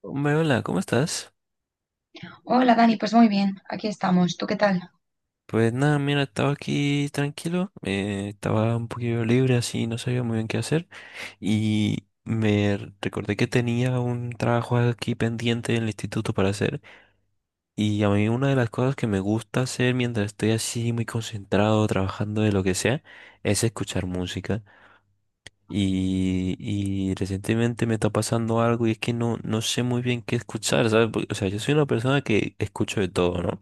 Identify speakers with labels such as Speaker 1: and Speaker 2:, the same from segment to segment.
Speaker 1: Hombre, hola, ¿cómo estás?
Speaker 2: Hola Dani, pues muy bien, aquí estamos. ¿Tú qué tal?
Speaker 1: Pues nada, mira, estaba aquí tranquilo, estaba un poquillo libre así, no sabía muy bien qué hacer y me recordé que tenía un trabajo aquí pendiente en el instituto para hacer. Y a mí una de las cosas que me gusta hacer mientras estoy así muy concentrado trabajando de lo que sea es escuchar música. Y recientemente me está pasando algo y es que no sé muy bien qué escuchar, ¿sabes? Porque, o sea, yo soy una persona que escucho de todo, ¿no?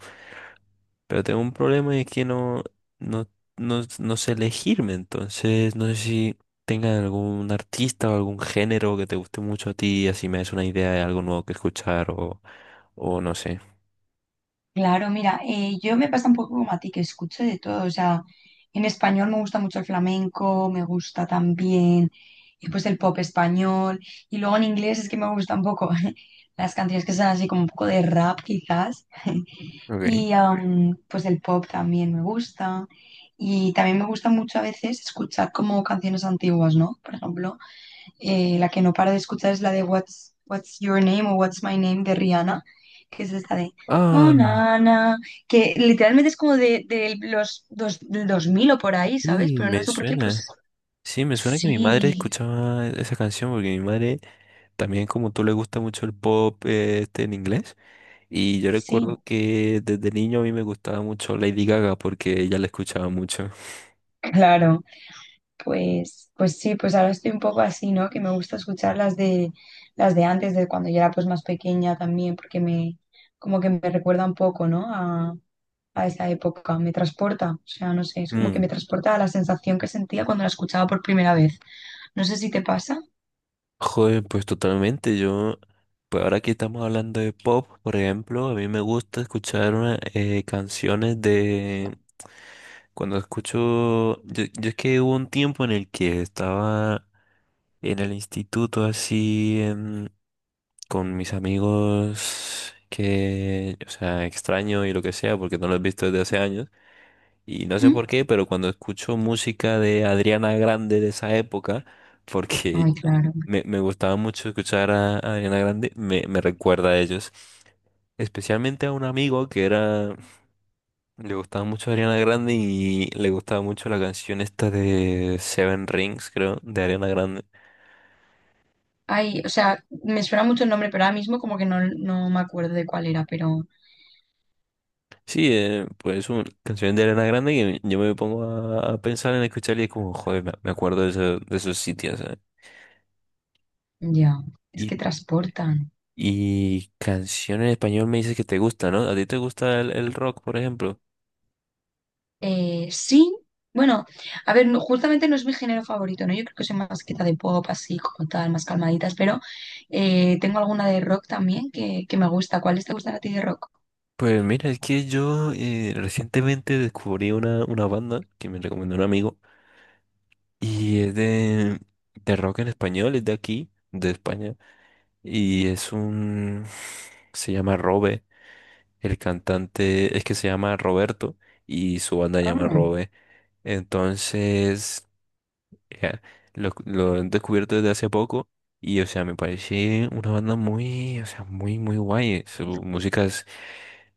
Speaker 1: Pero tengo un problema y es que no, no sé elegirme, entonces no sé si tenga algún artista o algún género que te guste mucho a ti y así me des una idea de algo nuevo que escuchar, o no sé.
Speaker 2: Claro, mira, yo me pasa un poco como a ti, que escucho de todo, o sea, en español me gusta mucho el flamenco, me gusta también pues el pop español, y luego en inglés es que me gusta un poco las canciones que son así como un poco de rap quizás,
Speaker 1: Ok.
Speaker 2: y pues el pop también me gusta, y también me gusta mucho a veces escuchar como canciones antiguas, ¿no? Por ejemplo. La que no paro de escuchar es la de What's Your Name o What's My Name de Rihanna, que es esta de Oh,
Speaker 1: Ah,
Speaker 2: Nana, que literalmente es como de, los dos, del 2000 o por ahí, ¿sabes?
Speaker 1: sí,
Speaker 2: Pero no
Speaker 1: me
Speaker 2: sé por qué,
Speaker 1: suena.
Speaker 2: pues
Speaker 1: Sí, me suena que mi madre
Speaker 2: sí,
Speaker 1: escuchaba esa canción porque mi madre también como tú le gusta mucho el pop, este en inglés, y yo
Speaker 2: sí,
Speaker 1: recuerdo que desde niño a mí me gustaba mucho Lady Gaga porque ella la escuchaba mucho.
Speaker 2: claro. Pues sí, pues ahora estoy un poco así, ¿no? Que me gusta escuchar las de antes, de cuando yo era pues más pequeña también, porque como que me recuerda un poco, ¿no? A esa época, me transporta, o sea, no sé, es como que me transporta a la sensación que sentía cuando la escuchaba por primera vez. No sé si te pasa.
Speaker 1: Joder, pues totalmente. Yo, pues ahora que estamos hablando de pop, por ejemplo, a mí me gusta escuchar canciones de... Cuando escucho... Yo es que hubo un tiempo en el que estaba en el instituto así con mis amigos que, o sea, extraño y lo que sea, porque no los he visto desde hace años. Y no sé
Speaker 2: ¿Mm?
Speaker 1: por qué, pero cuando escucho música de Adriana Grande de esa época, porque
Speaker 2: Ay, claro.
Speaker 1: me gustaba mucho escuchar a Adriana Grande, me recuerda a ellos. Especialmente a un amigo que era, le gustaba mucho Ariana Grande y le gustaba mucho la canción esta de Seven Rings, creo, de Ariana Grande.
Speaker 2: Ay, o sea, me suena mucho el nombre, pero ahora mismo como que no, me acuerdo de cuál era, pero
Speaker 1: Sí, pues una canción de Ariana Grande que yo me pongo a pensar en escuchar y es como, joder, me acuerdo de, de esos sitios, ¿sabes?
Speaker 2: ya, es
Speaker 1: Y
Speaker 2: que transportan.
Speaker 1: y canción en español me dices que te gusta, ¿no? ¿A ti te gusta el rock, por ejemplo?
Speaker 2: Sí, bueno, a ver, justamente no es mi género favorito, ¿no? Yo creo que soy más quieta de pop, así como tal, más calmaditas, pero tengo alguna de rock también que me gusta. ¿Cuáles te gustan a ti de rock?
Speaker 1: Pues mira, es que yo recientemente descubrí una banda que me recomendó un amigo y es de rock en español, es de aquí, de España, y es un... se llama Robe, el cantante es que se llama Roberto y su banda se llama
Speaker 2: Ah,
Speaker 1: Robe. Entonces... Ya, Lo he descubierto desde hace poco y, o sea, me parece una banda muy, o sea, muy, muy guay. Su música es,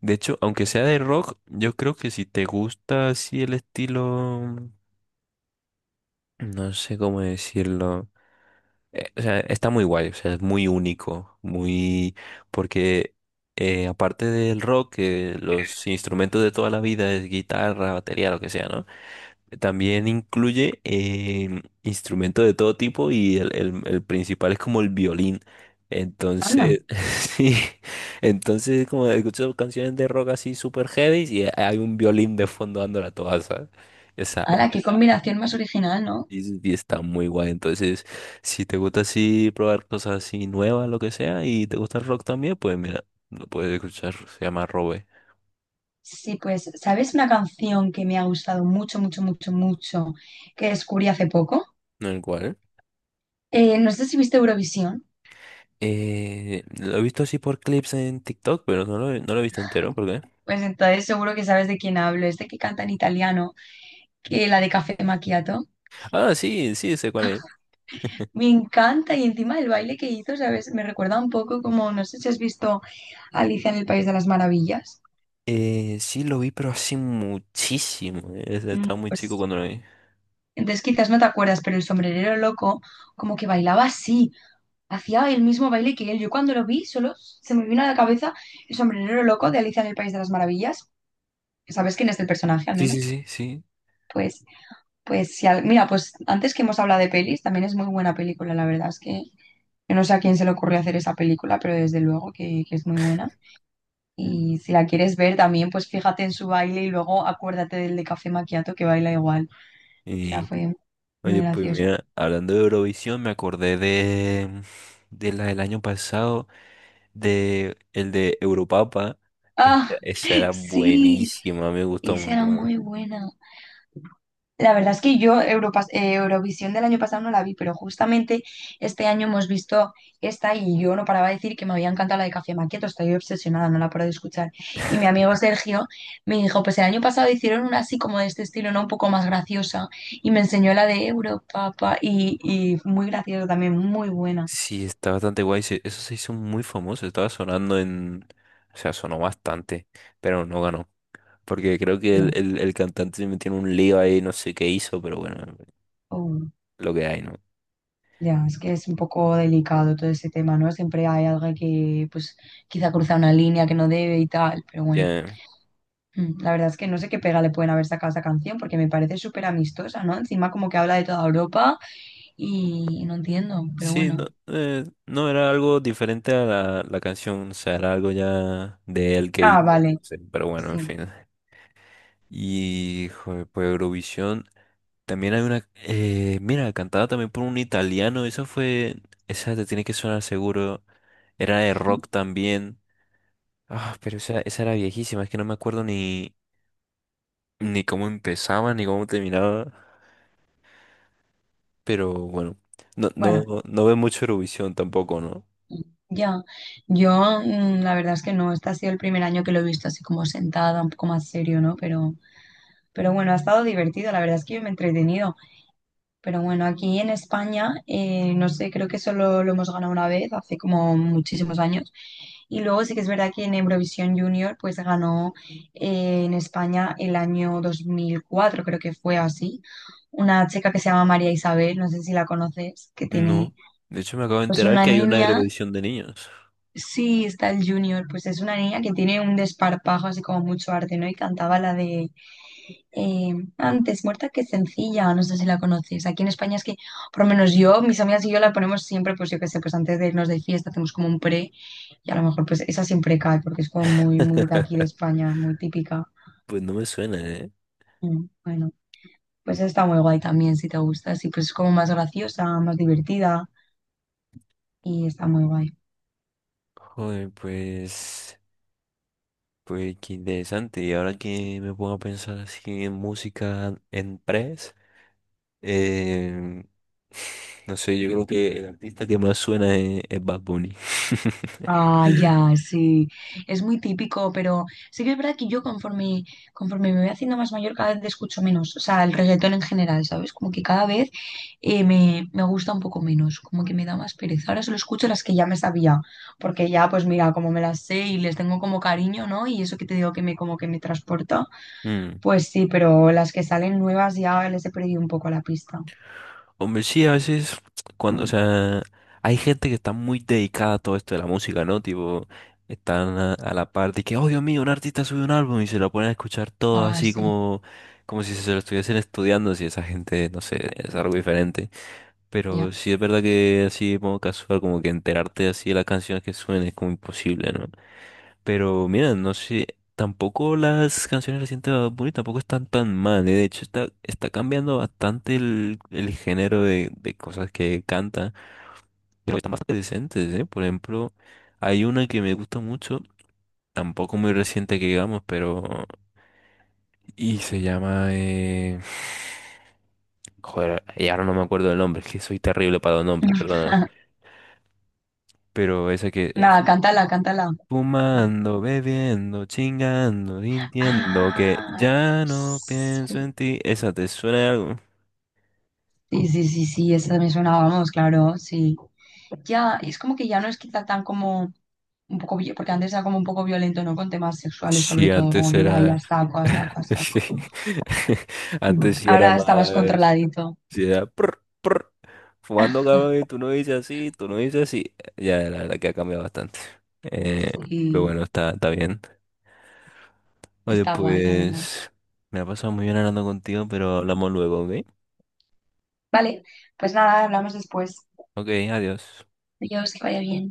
Speaker 1: de hecho, aunque sea de rock, yo creo que si te gusta así el estilo, no sé cómo decirlo, o sea, está muy guay, o sea, es muy único, muy, porque aparte del rock, que los instrumentos de toda la vida es guitarra, batería, lo que sea, ¿no? También incluye instrumentos de todo tipo y el principal es como el violín.
Speaker 2: anda.
Speaker 1: Entonces, sí, entonces como escucho canciones de rock así super heavy y hay un violín de fondo dándola toda, ¿sabes? Esa,
Speaker 2: ¡Hala, qué combinación más original, ¿no?
Speaker 1: y está muy guay. Entonces, si te gusta así probar cosas así nuevas, lo que sea, y te gusta el rock también, pues mira, lo puedes escuchar, se llama Robe.
Speaker 2: Sí, pues, ¿sabes una canción que me ha gustado mucho, mucho, mucho, mucho, que descubrí hace poco?
Speaker 1: El cual,
Speaker 2: No sé si viste Eurovisión,
Speaker 1: lo he visto así por clips en TikTok, pero no lo he visto entero, ¿por qué?
Speaker 2: pues entonces seguro que sabes de quién hablo, es de que canta en italiano, que la de Café Macchiato.
Speaker 1: Ah, sí, sí, sé cuál es.
Speaker 2: Me encanta y encima el baile que hizo, ¿sabes? Me recuerda un poco como, no sé si has visto Alicia en el País de las Maravillas.
Speaker 1: Sí, lo vi, pero hace muchísimo. O sea, estaba muy chico
Speaker 2: Pues
Speaker 1: cuando lo vi.
Speaker 2: entonces quizás no te acuerdas, pero el sombrerero loco como que bailaba así. Hacía el mismo baile que él. Yo cuando lo vi, solo se me vino a la cabeza el sombrerero loco de Alicia en el País de las Maravillas. ¿Sabes quién es el personaje, al
Speaker 1: Sí, sí,
Speaker 2: menos?
Speaker 1: sí, sí.
Speaker 2: Pues, pues, si al- mira, pues antes que hemos hablado de pelis, también es muy buena película, la verdad es que yo no sé a quién se le ocurrió hacer esa película, pero desde luego que es muy buena. Y si la quieres ver también, pues fíjate en su baile y luego acuérdate del de Café Macchiato que baila igual. O sea,
Speaker 1: Y
Speaker 2: fue muy
Speaker 1: oye, pues
Speaker 2: gracioso.
Speaker 1: mira, hablando de Eurovisión, me acordé de la del año pasado, de el de Europapa. Esa,
Speaker 2: ¡Ah!
Speaker 1: esa era
Speaker 2: Sí,
Speaker 1: buenísima, me gustó un
Speaker 2: esa era
Speaker 1: montón.
Speaker 2: muy buena. La verdad es que yo Eurovisión del año pasado no la vi, pero justamente este año hemos visto esta y yo no paraba de decir que me había encantado la de Café Maquieto, estoy obsesionada, no la paro de escuchar. Y mi amigo Sergio me dijo, pues el año pasado hicieron una así como de este estilo, ¿no? Un poco más graciosa y me enseñó la de Europa y muy graciosa también, muy buena.
Speaker 1: Sí, está bastante guay. Eso se hizo muy famoso, estaba sonando en... O sea, sonó bastante, pero no ganó. Porque creo que el,
Speaker 2: Ya,
Speaker 1: el, el cantante se metió en un lío ahí, no sé qué hizo, pero bueno,
Speaker 2: oh,
Speaker 1: lo que hay, ¿no?
Speaker 2: ya, es que es un poco delicado todo ese tema, ¿no? Siempre hay alguien que pues quizá cruza una línea que no debe y tal, pero bueno.
Speaker 1: Ya,
Speaker 2: La verdad es que no sé qué pega le pueden haber sacado a esa canción porque me parece súper amistosa, ¿no? Encima como que habla de toda Europa y no entiendo, pero
Speaker 1: sí,
Speaker 2: bueno.
Speaker 1: no, no era algo diferente a la canción, o sea, era algo ya de él que
Speaker 2: Ah,
Speaker 1: hizo,
Speaker 2: vale,
Speaker 1: no sé, pero bueno, en
Speaker 2: sí.
Speaker 1: fin. Y, joder, pues Eurovisión, también hay una, mira, cantada también por un italiano, esa fue, esa te tiene que sonar seguro, era de rock también. Ah, pero esa era viejísima, es que no me acuerdo ni, ni cómo empezaba, ni cómo terminaba. Pero bueno, no, no,
Speaker 2: Bueno,
Speaker 1: no ve mucho Eurovisión tampoco, ¿no?
Speaker 2: ya. Yo la verdad es que no, este ha sido el primer año que lo he visto así como sentada, un poco más serio, ¿no? Pero bueno, ha estado divertido, la verdad es que yo me he entretenido. Pero bueno, aquí en España, no sé, creo que solo lo hemos ganado una vez, hace como muchísimos años. Y luego sí que es verdad que en Eurovisión Junior, pues ganó en España el año 2004 creo que fue así, una chica que se llama María Isabel, no sé si la conoces, que tiene
Speaker 1: No. De hecho, me acabo de
Speaker 2: pues
Speaker 1: enterar
Speaker 2: una
Speaker 1: que hay una
Speaker 2: niña,
Speaker 1: Eurovisión de niños.
Speaker 2: sí, está el Junior, pues es una niña que tiene un desparpajo así como mucho arte, ¿no? Y cantaba la de antes muerta que sencilla, no sé si la conoces. Aquí en España es que, por lo menos yo, mis amigas y yo la ponemos siempre, pues yo qué sé, pues antes de irnos de fiesta hacemos como un pre y a lo mejor pues esa siempre cae porque es como muy, muy de aquí de España, muy típica.
Speaker 1: Pues no me suena, ¿eh?
Speaker 2: Bueno, pues está muy guay también si te gusta, sí, pues es como más graciosa, más divertida y está muy guay.
Speaker 1: Joder, pues, pues qué interesante. Y ahora que me pongo a pensar así en música en press, eh, no sé, yo creo que el artista que más suena es Bad Bunny.
Speaker 2: Ah, ya, sí. Es muy típico, pero sí que es verdad que yo conforme, me voy haciendo más mayor, cada vez le escucho menos. O sea, el reggaetón en general, ¿sabes? Como que cada vez me gusta un poco menos, como que me da más pereza. Ahora solo escucho las que ya me sabía, porque ya, pues mira, como me las sé y les tengo como cariño, ¿no? Y eso que te digo que me como que me transporta,
Speaker 1: Mm.
Speaker 2: pues sí, pero las que salen nuevas ya les he perdido un poco la pista.
Speaker 1: Hombre, sí, a veces, cuando, o sea, hay gente que está muy dedicada a todo esto de la música, ¿no? Tipo, están a la par de que, oh Dios mío, un artista sube un álbum y se lo ponen a escuchar todo
Speaker 2: Ah,
Speaker 1: así
Speaker 2: sí,
Speaker 1: como, como si se lo estuviesen estudiando, si esa gente, no sé, es algo diferente.
Speaker 2: ya.
Speaker 1: Pero sí es verdad que así, como casual, como que enterarte así de las canciones que suenen es como imposible, ¿no? Pero mira, no sé, tampoco las canciones recientes de Bad Bunny tampoco están tan mal, eh. De hecho, está cambiando bastante el género de cosas que canta, pero están bastante decentes, ¿eh? Por ejemplo, hay una que me gusta mucho, tampoco muy reciente que digamos, pero... Y se llama... Joder, y ahora no me acuerdo del nombre, es que soy terrible para los nombres, perdóname. Pero esa que...
Speaker 2: Nada, cántala, cántala.
Speaker 1: fumando, bebiendo, chingando, sintiendo que
Speaker 2: Ah,
Speaker 1: ya no pienso
Speaker 2: sí,
Speaker 1: en ti. ¿Esa te suena de algo?
Speaker 2: sí, sí, sí, esa me sonaba, vamos, claro, sí. Ya, es como que ya no es quizá tan como un poco, porque antes era como un poco violento, ¿no? Con temas sexuales, sobre
Speaker 1: Sí,
Speaker 2: todo, como
Speaker 1: antes
Speaker 2: que ahí
Speaker 1: era.
Speaker 2: hasta saco, a saco, a
Speaker 1: Sí.
Speaker 2: saco.
Speaker 1: Antes sí era
Speaker 2: Ahora está más
Speaker 1: más.
Speaker 2: controladito.
Speaker 1: Sí era. Prr, prr. Fumando, cabrón, y tú no dices así, tú no dices así. Ya, la verdad que ha cambiado bastante. Eh, pero
Speaker 2: Sí,
Speaker 1: bueno, está, está bien. Oye,
Speaker 2: está guay, la verdad.
Speaker 1: pues. Me ha pasado muy bien hablando contigo, pero hablamos luego, ¿ok?
Speaker 2: Vale, pues nada, hablamos después.
Speaker 1: Ok, adiós.
Speaker 2: Adiós, que vaya bien.